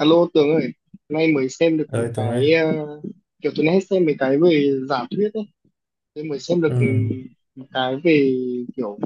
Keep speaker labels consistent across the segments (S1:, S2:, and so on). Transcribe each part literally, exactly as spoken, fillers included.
S1: Alo Tường ơi, nay mới xem được mấy
S2: Ơi Tường ơi,
S1: cái ờ, kiểu tôi hay xem mấy cái về giả thuyết ấy, tôi mới xem được
S2: ừ,
S1: một cái về kiểu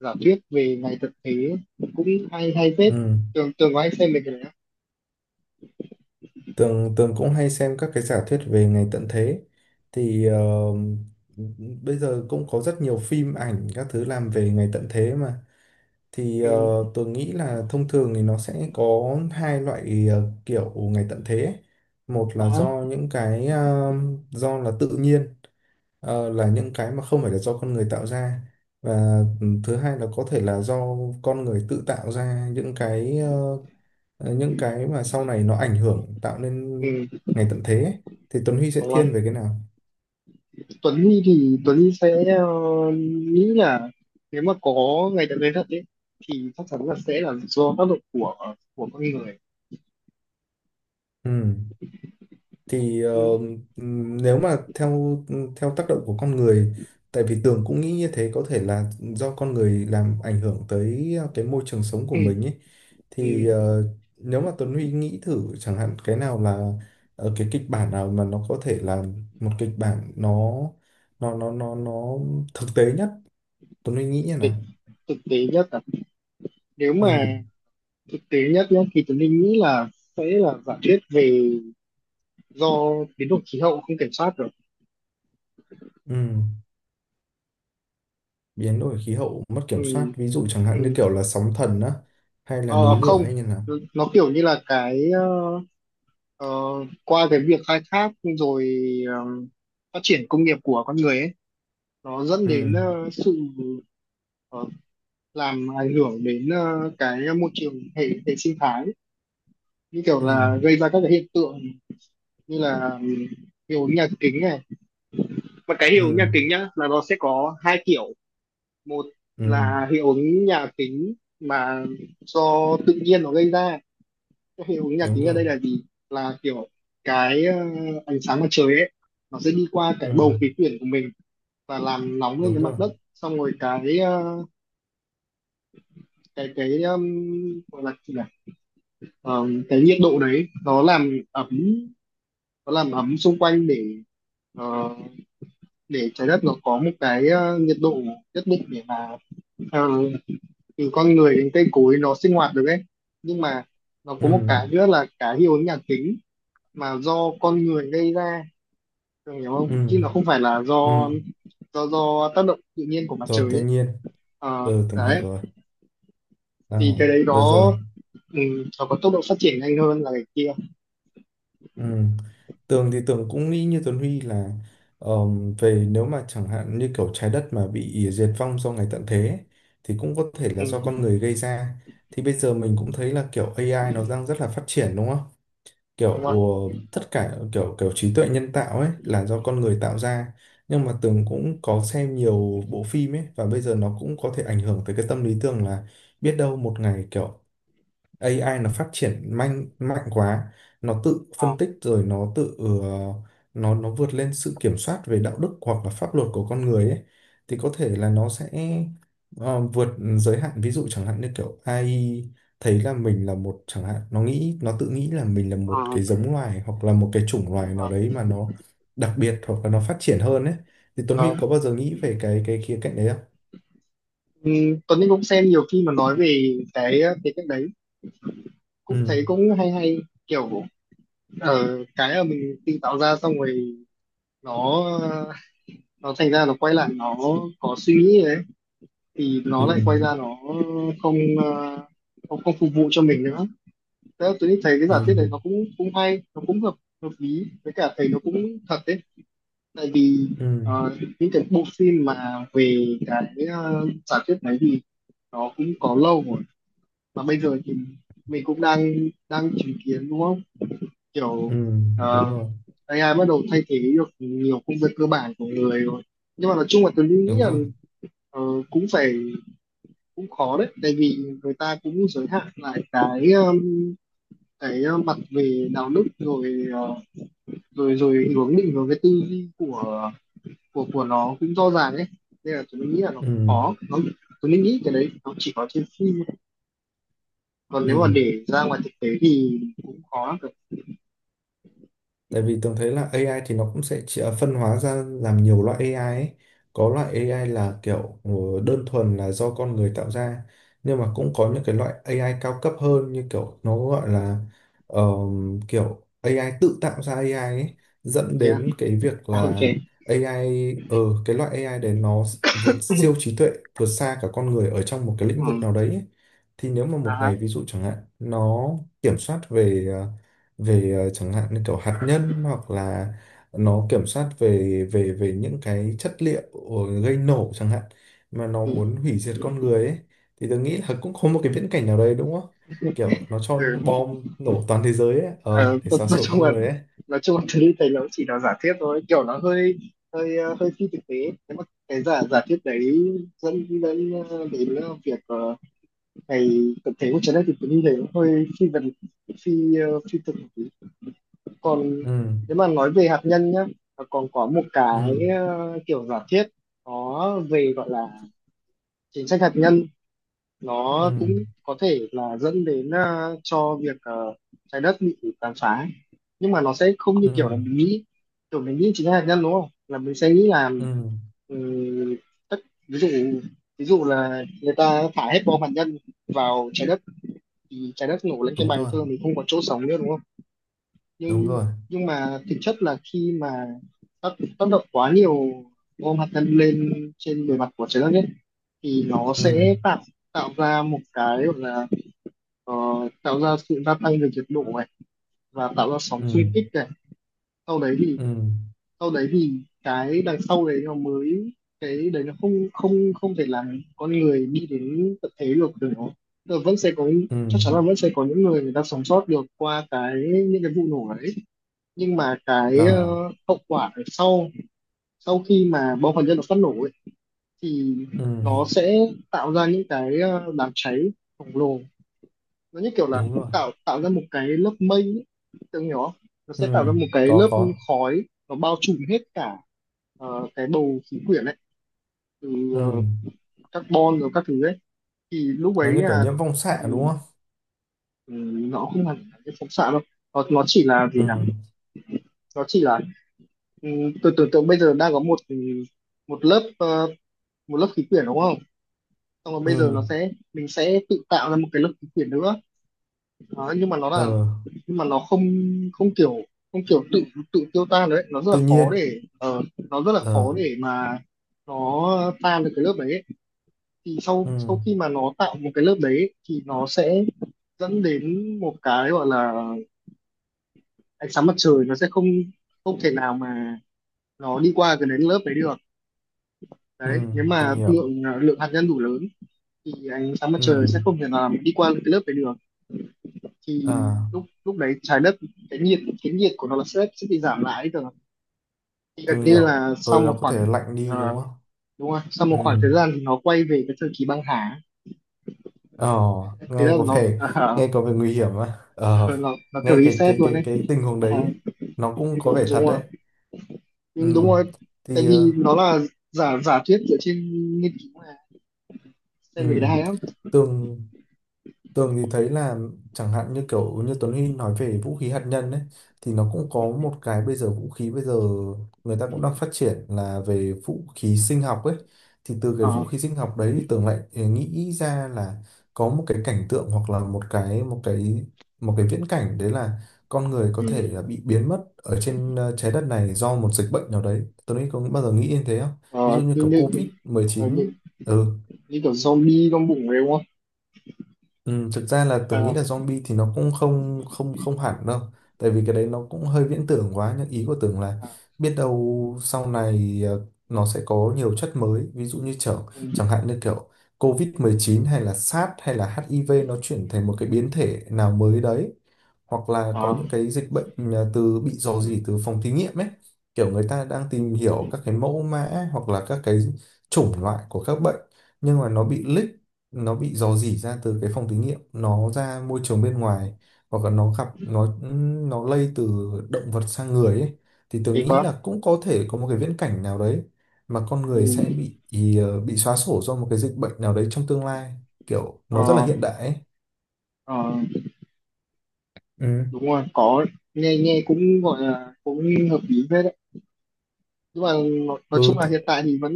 S1: giả thuyết về ngày thực tế ấy. Cũng hay hay phết.
S2: ừ.
S1: Tường Tường có hay xem mấy cái đấy không?
S2: Tường, Tường cũng hay xem các cái giả thuyết về ngày tận thế. Thì ờ, Bây giờ cũng có rất nhiều phim ảnh các thứ làm về ngày tận thế mà. Thì
S1: Ừ,
S2: ờ, Tường nghĩ là thông thường thì nó sẽ có hai loại ờ, kiểu ngày tận thế. ấy. Một là
S1: có.
S2: do những cái ờ, do là tự nhiên, ờ, là những cái mà không phải là do con người tạo ra. Và ừ, thứ hai là có thể là do con người tự tạo ra những cái ờ, ờ, những cái mà sau này nó ảnh hưởng tạo nên
S1: Ừ,
S2: ngày tận thế ấy, thì Tuấn Huy sẽ
S1: đúng rồi.
S2: thiên về cái nào?
S1: Tuấn Huy thì Tuấn Huy sẽ ờ, nghĩ là nếu mà có ngày thực tế thật ấy thì chắc chắn là sẽ là do tác động của của con người
S2: Ừ. Thì ờ,
S1: chứ.
S2: ừm, Nếu mà theo ừ, theo tác động của con người, tại vì Tường cũng nghĩ như thế có thể là do con người làm ảnh hưởng tới ờ, cái môi trường sống của
S1: Ừ,
S2: mình ấy.
S1: ừ,
S2: Thì ờ, Nếu mà Tuấn Huy nghĩ thử chẳng hạn cái nào là ờ, cái kịch bản nào mà nó có thể là một kịch bản nó nó nó nó nó thực tế nhất, Tuấn Huy nghĩ như
S1: thực,
S2: nào?
S1: thực tế nhất là nếu
S2: Ừ.
S1: mà thực tế nhất nhé thì tôi nghĩ là sẽ là giả thuyết về do biến đổi khí hậu không kiểm soát được.
S2: Ừ. Biến đổi khí hậu mất
S1: Ừ,
S2: kiểm soát ví dụ chẳng hạn như
S1: ừ.
S2: kiểu là sóng thần á hay là
S1: Ờ,
S2: núi lửa
S1: không,
S2: hay như nào.
S1: nó kiểu như là cái ờ, ờ, qua cái việc khai thác rồi ờ, phát triển công nghiệp của con người ấy nó dẫn đến
S2: ừ
S1: ờ, sự ờ, làm ảnh hưởng đến ờ, cái môi trường hệ hệ sinh thái, như kiểu
S2: ừ
S1: là gây ra các cái hiện tượng như là ừ, hiệu ứng nhà kính này, mà cái hiệu ứng
S2: ừ
S1: nhà kính nhá là nó sẽ có hai kiểu. Một
S2: ừ
S1: là hiệu ứng nhà kính mà do tự nhiên nó gây ra. Cái hiệu ứng nhà
S2: Đúng
S1: kính ở
S2: rồi.
S1: đây là gì? Là kiểu cái ờ, ánh sáng mặt trời ấy nó sẽ đi qua
S2: ừ
S1: cái bầu khí quyển của mình và làm nóng lên
S2: Đúng
S1: cái
S2: rồi.
S1: mặt đất, xong rồi cái ờ, cái cái um, gọi là gì nhỉ? Ờ, cái nhiệt độ đấy nó làm ấm, nó làm ấm xung quanh để ờ, để trái đất nó có một cái ờ, nhiệt độ nhất định để mà ờ, thì con người đến cây cối nó sinh hoạt được ấy. Nhưng mà nó
S2: ừ
S1: có một cái nữa là cái hiệu ứng nhà kính mà do con người gây ra. Cường hiểu không?
S2: ừ
S1: Chứ nó không phải là do
S2: ừ
S1: do do tác động tự nhiên của mặt trời
S2: Rồi tự
S1: ấy.
S2: nhiên.
S1: Ờ,
S2: Ừ tường hiểu
S1: đấy
S2: rồi, à,
S1: thì cái đấy
S2: được
S1: nó
S2: rồi.
S1: ừ, nó có tốc độ phát triển nhanh hơn là cái kia.
S2: ừ Tường thì tường cũng nghĩ như Tuấn Huy là ờm, về nếu mà chẳng hạn như kiểu trái đất mà bị diệt vong do ngày tận thế ấy, thì cũng có thể
S1: Ừ,
S2: là do con người gây ra. Thì bây giờ mình cũng thấy là kiểu a i nó đang rất là phát triển đúng không? kiểu
S1: đúng
S2: ờ,
S1: không?
S2: Tất cả kiểu kiểu trí tuệ nhân tạo ấy là do con người tạo ra, nhưng mà Tường cũng có xem nhiều bộ phim ấy và bây giờ nó cũng có thể ảnh hưởng tới cái tâm lý Tường là biết đâu một ngày kiểu a i nó phát triển mạnh mạnh quá, nó tự
S1: Ờ,
S2: phân tích rồi nó tự ờ, nó nó vượt lên sự kiểm soát về đạo đức hoặc là pháp luật của con người ấy, thì có thể là nó sẽ ờ, vượt giới hạn. Ví dụ chẳng hạn như kiểu a i thấy là mình là một chẳng hạn, nó nghĩ nó tự nghĩ là mình là
S1: ờ,
S2: một cái giống loài hoặc là một cái chủng loài nào
S1: ờ,
S2: đấy mà nó đặc biệt hoặc là nó phát triển hơn ấy, thì Tuấn
S1: ờ.
S2: Huy có bao giờ nghĩ về cái cái khía cạnh đấy không?
S1: Ừ, Tuấn Anh cũng xem nhiều khi mà nói về cái cái cách đấy cũng
S2: Ừ,
S1: thấy cũng hay hay, kiểu ờ, cái mà mình tự tạo ra xong rồi nó nó thành ra nó quay lại nó có suy nghĩ đấy thì
S2: ừ,
S1: nó lại quay ra nó không ờ, không không phục vụ cho mình nữa. Thế là tôi thấy cái giả thuyết
S2: ừ,
S1: này nó cũng cũng hay, nó cũng hợp hợp lý, với cả thấy nó cũng thật đấy, tại vì
S2: ừ,
S1: ờ, những cái bộ phim mà về cái ờ, giả thuyết đấy thì nó cũng có lâu rồi, mà bây giờ thì mình cũng đang đang chứng kiến đúng không,
S2: ừ,
S1: kiểu
S2: đúng
S1: ờ,
S2: rồi,
S1: a i bắt đầu thay thế được nhiều công việc cơ bản của người rồi. Nhưng mà nói chung là tôi nghĩ
S2: đúng
S1: là,
S2: rồi.
S1: ờ, cũng phải, cũng khó đấy tại vì người ta cũng giới hạn lại cái um, cái uh, mặt về đạo đức rồi, ờ, rồi rồi hướng định vào cái tư duy của của của nó cũng rõ ràng ấy, nên là tôi nghĩ là nó
S2: Ừ,
S1: cũng khó, nó tôi nghĩ cái đấy nó chỉ có trên phim thôi. Còn nếu mà
S2: ừ.
S1: để ra ngoài thực tế thì cũng khó lắm rồi.
S2: Tại vì Tường thấy là a i thì nó cũng sẽ chỉ- à, phân hóa ra làm nhiều loại a i ấy. Có loại a i là kiểu ờ, đơn thuần là do con người tạo ra. Nhưng mà cũng có những cái loại a i cao cấp hơn, như kiểu nó gọi là ờ, kiểu a i tự tạo ra a i ấy. Dẫn
S1: Thế à,
S2: đến cái việc
S1: à ok.
S2: là a i, ờ cái loại a i đấy nó vượt siêu trí tuệ, vượt xa cả con người ở trong một cái lĩnh vực
S1: Ừ.
S2: nào đấy ấy. Thì nếu mà một
S1: À,
S2: ngày ví dụ chẳng hạn nó kiểm soát về ờ, về ờ, chẳng hạn như kiểu hạt nhân, hoặc là nó kiểm soát về về về những cái chất liệu gây nổ chẳng hạn, mà nó
S1: ừ.
S2: muốn hủy diệt con người ấy, thì tôi nghĩ là cũng có một cái viễn cảnh nào đấy đúng không, kiểu nó cho
S1: Ừ.
S2: bom nổ toàn thế giới ấy, ờ
S1: Ờ,
S2: để
S1: nói
S2: xóa
S1: nói
S2: sổ
S1: chung
S2: con
S1: là
S2: người ấy.
S1: nói chung là thứ thấy nó chỉ là giả thiết thôi, kiểu nó hơi hơi ờ, hơi phi thực tế, thế mà cái giả giả thiết đấy dẫn đến ờ, đến ờ, việc ờ, ngày tập thể của trái đất thì tôi nghĩ thấy nó hơi phi vật phi ờ, phi thực một tí. Còn
S2: ừ
S1: nếu mà nói về hạt nhân nhá, nó còn có một cái
S2: ừ
S1: ờ, kiểu giả thiết nó về gọi là chính sách hạt nhân, nó cũng
S2: ừ
S1: có thể là dẫn đến ờ, cho việc ờ, trái đất bị tàn phá, nhưng mà nó sẽ không như
S2: ừ
S1: kiểu là mình nghĩ, kiểu mình nghĩ chính là hạt nhân đúng không, là mình sẽ nghĩ là
S2: ừ
S1: ừm, tất ví dụ ví dụ là người ta thả hết bom hạt nhân vào trái đất thì trái đất nổ lên cái
S2: Đúng
S1: bành
S2: rồi,
S1: thôi mình không có chỗ sống nữa đúng không.
S2: đúng
S1: nhưng
S2: rồi
S1: nhưng mà thực chất là khi mà tác tác động quá nhiều bom hạt nhân lên trên bề mặt của trái đất ấy, thì nó
S2: ừ
S1: sẽ tạo tạo ra một cái gọi là, ờ, tạo ra sự gia tăng về nhiệt độ này và tạo ra sóng
S2: ừ
S1: xuyên kích này. sau đấy thì
S2: ừ
S1: sau đấy thì cái đằng sau đấy nó mới, cái đấy nó không không không thể làm con người đi đến tận thế được, được nó tức là vẫn sẽ có,
S2: ừ
S1: chắc chắn là vẫn sẽ có những người người ta sống sót được qua cái những cái vụ nổ đấy, nhưng mà cái ờ,
S2: à
S1: hậu quả ở sau sau khi mà bom hạt nhân nó phát nổ ấy, thì
S2: ừ
S1: nó sẽ tạo ra những cái ờ, đám cháy khổng lồ, nó như kiểu là
S2: đúng rồi.
S1: tạo tạo ra một cái lớp mây ấy. Tưởng hiểu không? Nó sẽ tạo
S2: ừ
S1: ra một cái
S2: có
S1: lớp
S2: có.
S1: khói nó bao trùm hết cả ờ, cái bầu khí quyển ấy, từ
S2: ừ
S1: ờ, carbon rồi các thứ ấy thì lúc
S2: nó
S1: ấy
S2: như kiểu
S1: là,
S2: nhiễm phóng xạ
S1: ừ,
S2: đúng không?
S1: ừ, nó không hẳn là cái phóng xạ đâu. Nó, nó chỉ là gì
S2: ừ
S1: nhỉ? Nó chỉ là, ừ, tôi tưởng tượng bây giờ đang có một, ừ, một lớp ờ, một lớp khí quyển đúng không, xong rồi bây giờ
S2: ừ
S1: nó sẽ mình sẽ tự tạo ra một cái lớp khí quyển nữa. Đó, nhưng mà nó là
S2: ờ
S1: nhưng mà nó không, không kiểu không kiểu tự tự tiêu tan đấy, nó rất là
S2: Tự
S1: khó
S2: nhiên.
S1: để ờ, nó rất là
S2: ờ
S1: khó để mà nó tan được cái lớp đấy ấy. Thì sau
S2: ừ
S1: sau khi mà nó tạo một cái lớp đấy ấy, thì nó sẽ dẫn đến một cái gọi là ánh sáng mặt trời nó sẽ không không thể nào mà nó đi qua cái đến lớp đấy được.
S2: ừ
S1: Đấy nếu mà
S2: Thương hiệu.
S1: lượng lượng hạt nhân đủ lớn thì ánh sáng mặt
S2: ừ
S1: trời sẽ không thể nào mà đi qua cái lớp đấy được. Thì
S2: à
S1: lúc lúc đấy trái đất, cái nhiệt cái nhiệt của nó là sẽ sẽ bị giảm lại ấy, tưởng
S2: Thương
S1: gần như
S2: hiệu
S1: là sau
S2: rồi, nó
S1: một
S2: có
S1: khoảng,
S2: thể lạnh đi
S1: ờ,
S2: đúng không?
S1: đúng rồi, sau
S2: ừ
S1: một khoảng thời gian thì nó quay về cái thời kỳ băng hà.
S2: ờ
S1: Thế là
S2: Nghe có
S1: nó
S2: vẻ,
S1: ờ,
S2: nghe có vẻ nguy hiểm á. ờ
S1: nó nó kiểu
S2: Nghe cái
S1: reset
S2: cái
S1: luôn
S2: cái
S1: đấy.
S2: cái tình huống
S1: Ờ,
S2: đấy nó cũng có
S1: đúng
S2: vẻ
S1: đúng
S2: thật
S1: rồi.
S2: đấy.
S1: Nhưng đúng
S2: Ừ
S1: rồi. Tại
S2: thì
S1: vì
S2: ờ,
S1: nó là giả giả thuyết dựa trên nghiên cứu mà,
S2: ừ
S1: xem về cái đấy hay lắm.
S2: tường Tường thì thấy là chẳng hạn như kiểu như Tuấn Huy nói về vũ khí hạt nhân ấy, thì nó cũng có một cái bây giờ vũ khí bây giờ người ta cũng đang phát triển là về vũ khí sinh học ấy. Thì từ cái
S1: Ờ,
S2: vũ khí sinh học đấy thì Tường lại ừ, nghĩ ra là có một cái cảnh tượng hoặc là một cái một cái một cái viễn cảnh đấy là con người có thể
S1: ừ.
S2: là bị biến mất ở trên ờ, trái đất này do một dịch bệnh nào đấy. Tuấn Huy có bao giờ nghĩ đến thế không? Ví dụ
S1: Ờ,
S2: như
S1: như
S2: kiểu
S1: như ờ,
S2: covid mười chín mười
S1: như
S2: chín. ừ
S1: như kiểu zombie trong bụng đấy đúng không.
S2: Ừ, Thực ra là tưởng nghĩ
S1: Ờ,
S2: là zombie thì nó cũng không không không hẳn đâu, tại vì cái đấy nó cũng hơi viễn tưởng quá. Nhưng ý của tưởng là
S1: ờ,
S2: biết đâu sau này ờ, nó sẽ có nhiều chất mới, ví dụ như chẳng
S1: ừ.
S2: chẳng hạn như kiểu covid mười chín hay là SARS hay là hát i vê nó chuyển thành một cái biến thể nào mới đấy, hoặc là có
S1: Ờ,
S2: những cái dịch bệnh à, từ bị rò rỉ từ phòng thí nghiệm ấy. Kiểu người ta đang tìm hiểu các cái mẫu mã hoặc là các cái chủng loại của các bệnh, nhưng mà nó bị leak, nó bị rò rỉ ra từ cái phòng thí nghiệm nó ra môi trường bên ngoài, hoặc là nó gặp nó nó lây từ động vật sang người ấy. Thì tôi
S1: thế
S2: nghĩ
S1: quá.
S2: là cũng có thể có một cái viễn cảnh nào đấy mà con người sẽ
S1: Ừ.
S2: bị ý, ờ, bị xóa sổ do một cái dịch bệnh nào đấy trong tương lai, kiểu nó rất là
S1: Ờ,
S2: hiện đại ấy.
S1: ờ,
S2: Ừ.
S1: đúng rồi, có nghe nghe cũng gọi là cũng hợp lý phết đấy, nhưng mà nó- nói
S2: Ừ,
S1: chung là
S2: thì,
S1: hiện tại thì vẫn,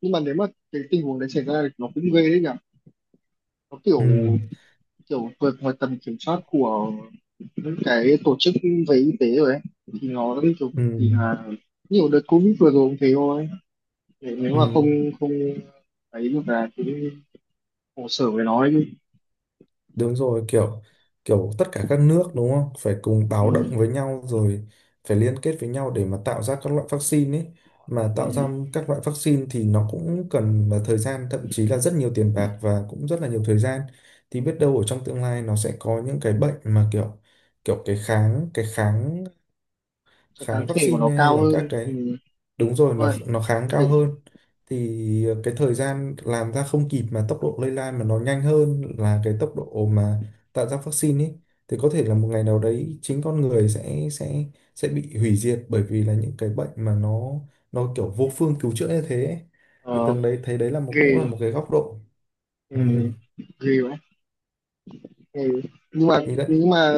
S1: nhưng mà nếu mà cái tình huống đấy xảy ra thì nó cũng ghê đấy nhỉ, nó kiểu
S2: ừ,
S1: kiểu vượt ngoài tầm kiểm soát của những cái tổ chức về y tế rồi ấy, thì nó kiểu
S2: ừ.
S1: thì là nhiều đợt covid vừa rồi cũng thế thôi. Để nếu mà
S2: Ừ,
S1: không không ấy được là cũng khổ sở với nó ấy chứ.
S2: đúng rồi, kiểu kiểu tất cả các nước đúng không, phải cùng báo động
S1: Ừ,
S2: với nhau rồi phải liên kết với nhau để mà tạo ra các loại vaccine ấy. Mà
S1: ừ.
S2: tạo ra các loại vaccine thì nó cũng cần là thời gian, thậm chí là rất nhiều tiền bạc và cũng rất là nhiều thời gian. Thì biết đâu ở trong tương lai nó sẽ có những cái bệnh mà kiểu kiểu cái kháng, cái kháng
S1: Cái kháng
S2: kháng
S1: thể của nó
S2: vaccine hay
S1: cao
S2: là
S1: hơn.
S2: các
S1: Ừ.
S2: cái. Đúng rồi,
S1: Đúng
S2: nó
S1: rồi.
S2: nó kháng cao
S1: Cái-
S2: hơn. Thì ờ, cái thời gian làm ra không kịp mà tốc độ lây lan mà nó nhanh hơn là cái tốc độ mà tạo ra vaccine ấy, thì có thể là một ngày nào đấy chính con người sẽ sẽ sẽ bị hủy diệt bởi vì là những cái bệnh mà nó nó kiểu vô phương cứu chữa như thế ấy. Thì
S1: ờ,
S2: Tường đấy thấy đấy là một
S1: ghê.
S2: cũng là một cái góc độ. ừ,
S1: Ừ. Ghê vậy. Ừ. Nhưng mà
S2: thì đấy
S1: nhưng mà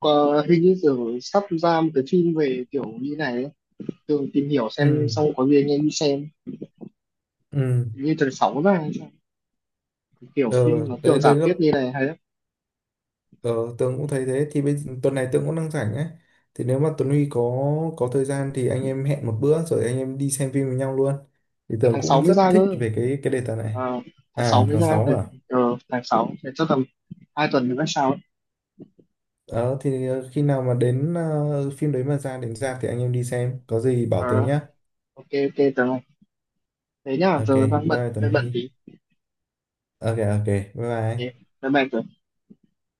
S1: có, hình như Tường sắp ra một cái phim về kiểu như này ấy. Tường tìm hiểu xem
S2: ừ,
S1: xong có gì anh em đi xem,
S2: ừ.
S1: như tháng sáu ra hay sao? Kiểu
S2: Ờ,
S1: phim nó
S2: đấy
S1: kiểu
S2: đấy
S1: giả
S2: là,
S1: thuyết như này hay lắm.
S2: Ờ, Tường cũng thấy thế. Thì bây tuần này Tường cũng đang rảnh ấy, thì nếu mà Tuấn Huy có có thời gian thì anh em hẹn một bữa rồi anh em đi xem phim với nhau luôn. Thì
S1: À,
S2: Tường
S1: tháng sáu
S2: cũng
S1: mới
S2: rất
S1: ra
S2: thích
S1: cơ.
S2: về cái cái đề tài
S1: À,
S2: này.
S1: tháng sáu
S2: À,
S1: mới
S2: tháng
S1: ra
S2: sáu
S1: từ
S2: à.
S1: ờ, tháng sáu thì chắc tầm hai tuần nữa sao ấy.
S2: Ờ, thì ờ, khi nào mà đến ờ, phim đấy mà ra đến ra thì anh em đi xem có gì bảo
S1: Ờ,
S2: Tường nhá.
S1: ok ok Tường ơi. Thế nhá
S2: OK,
S1: giờ
S2: bye
S1: đang bận
S2: bye Tuấn
S1: đang bận
S2: Huy.
S1: tí.
S2: OK, OK, bye
S1: Ok,
S2: bye.
S1: bye bye Tường.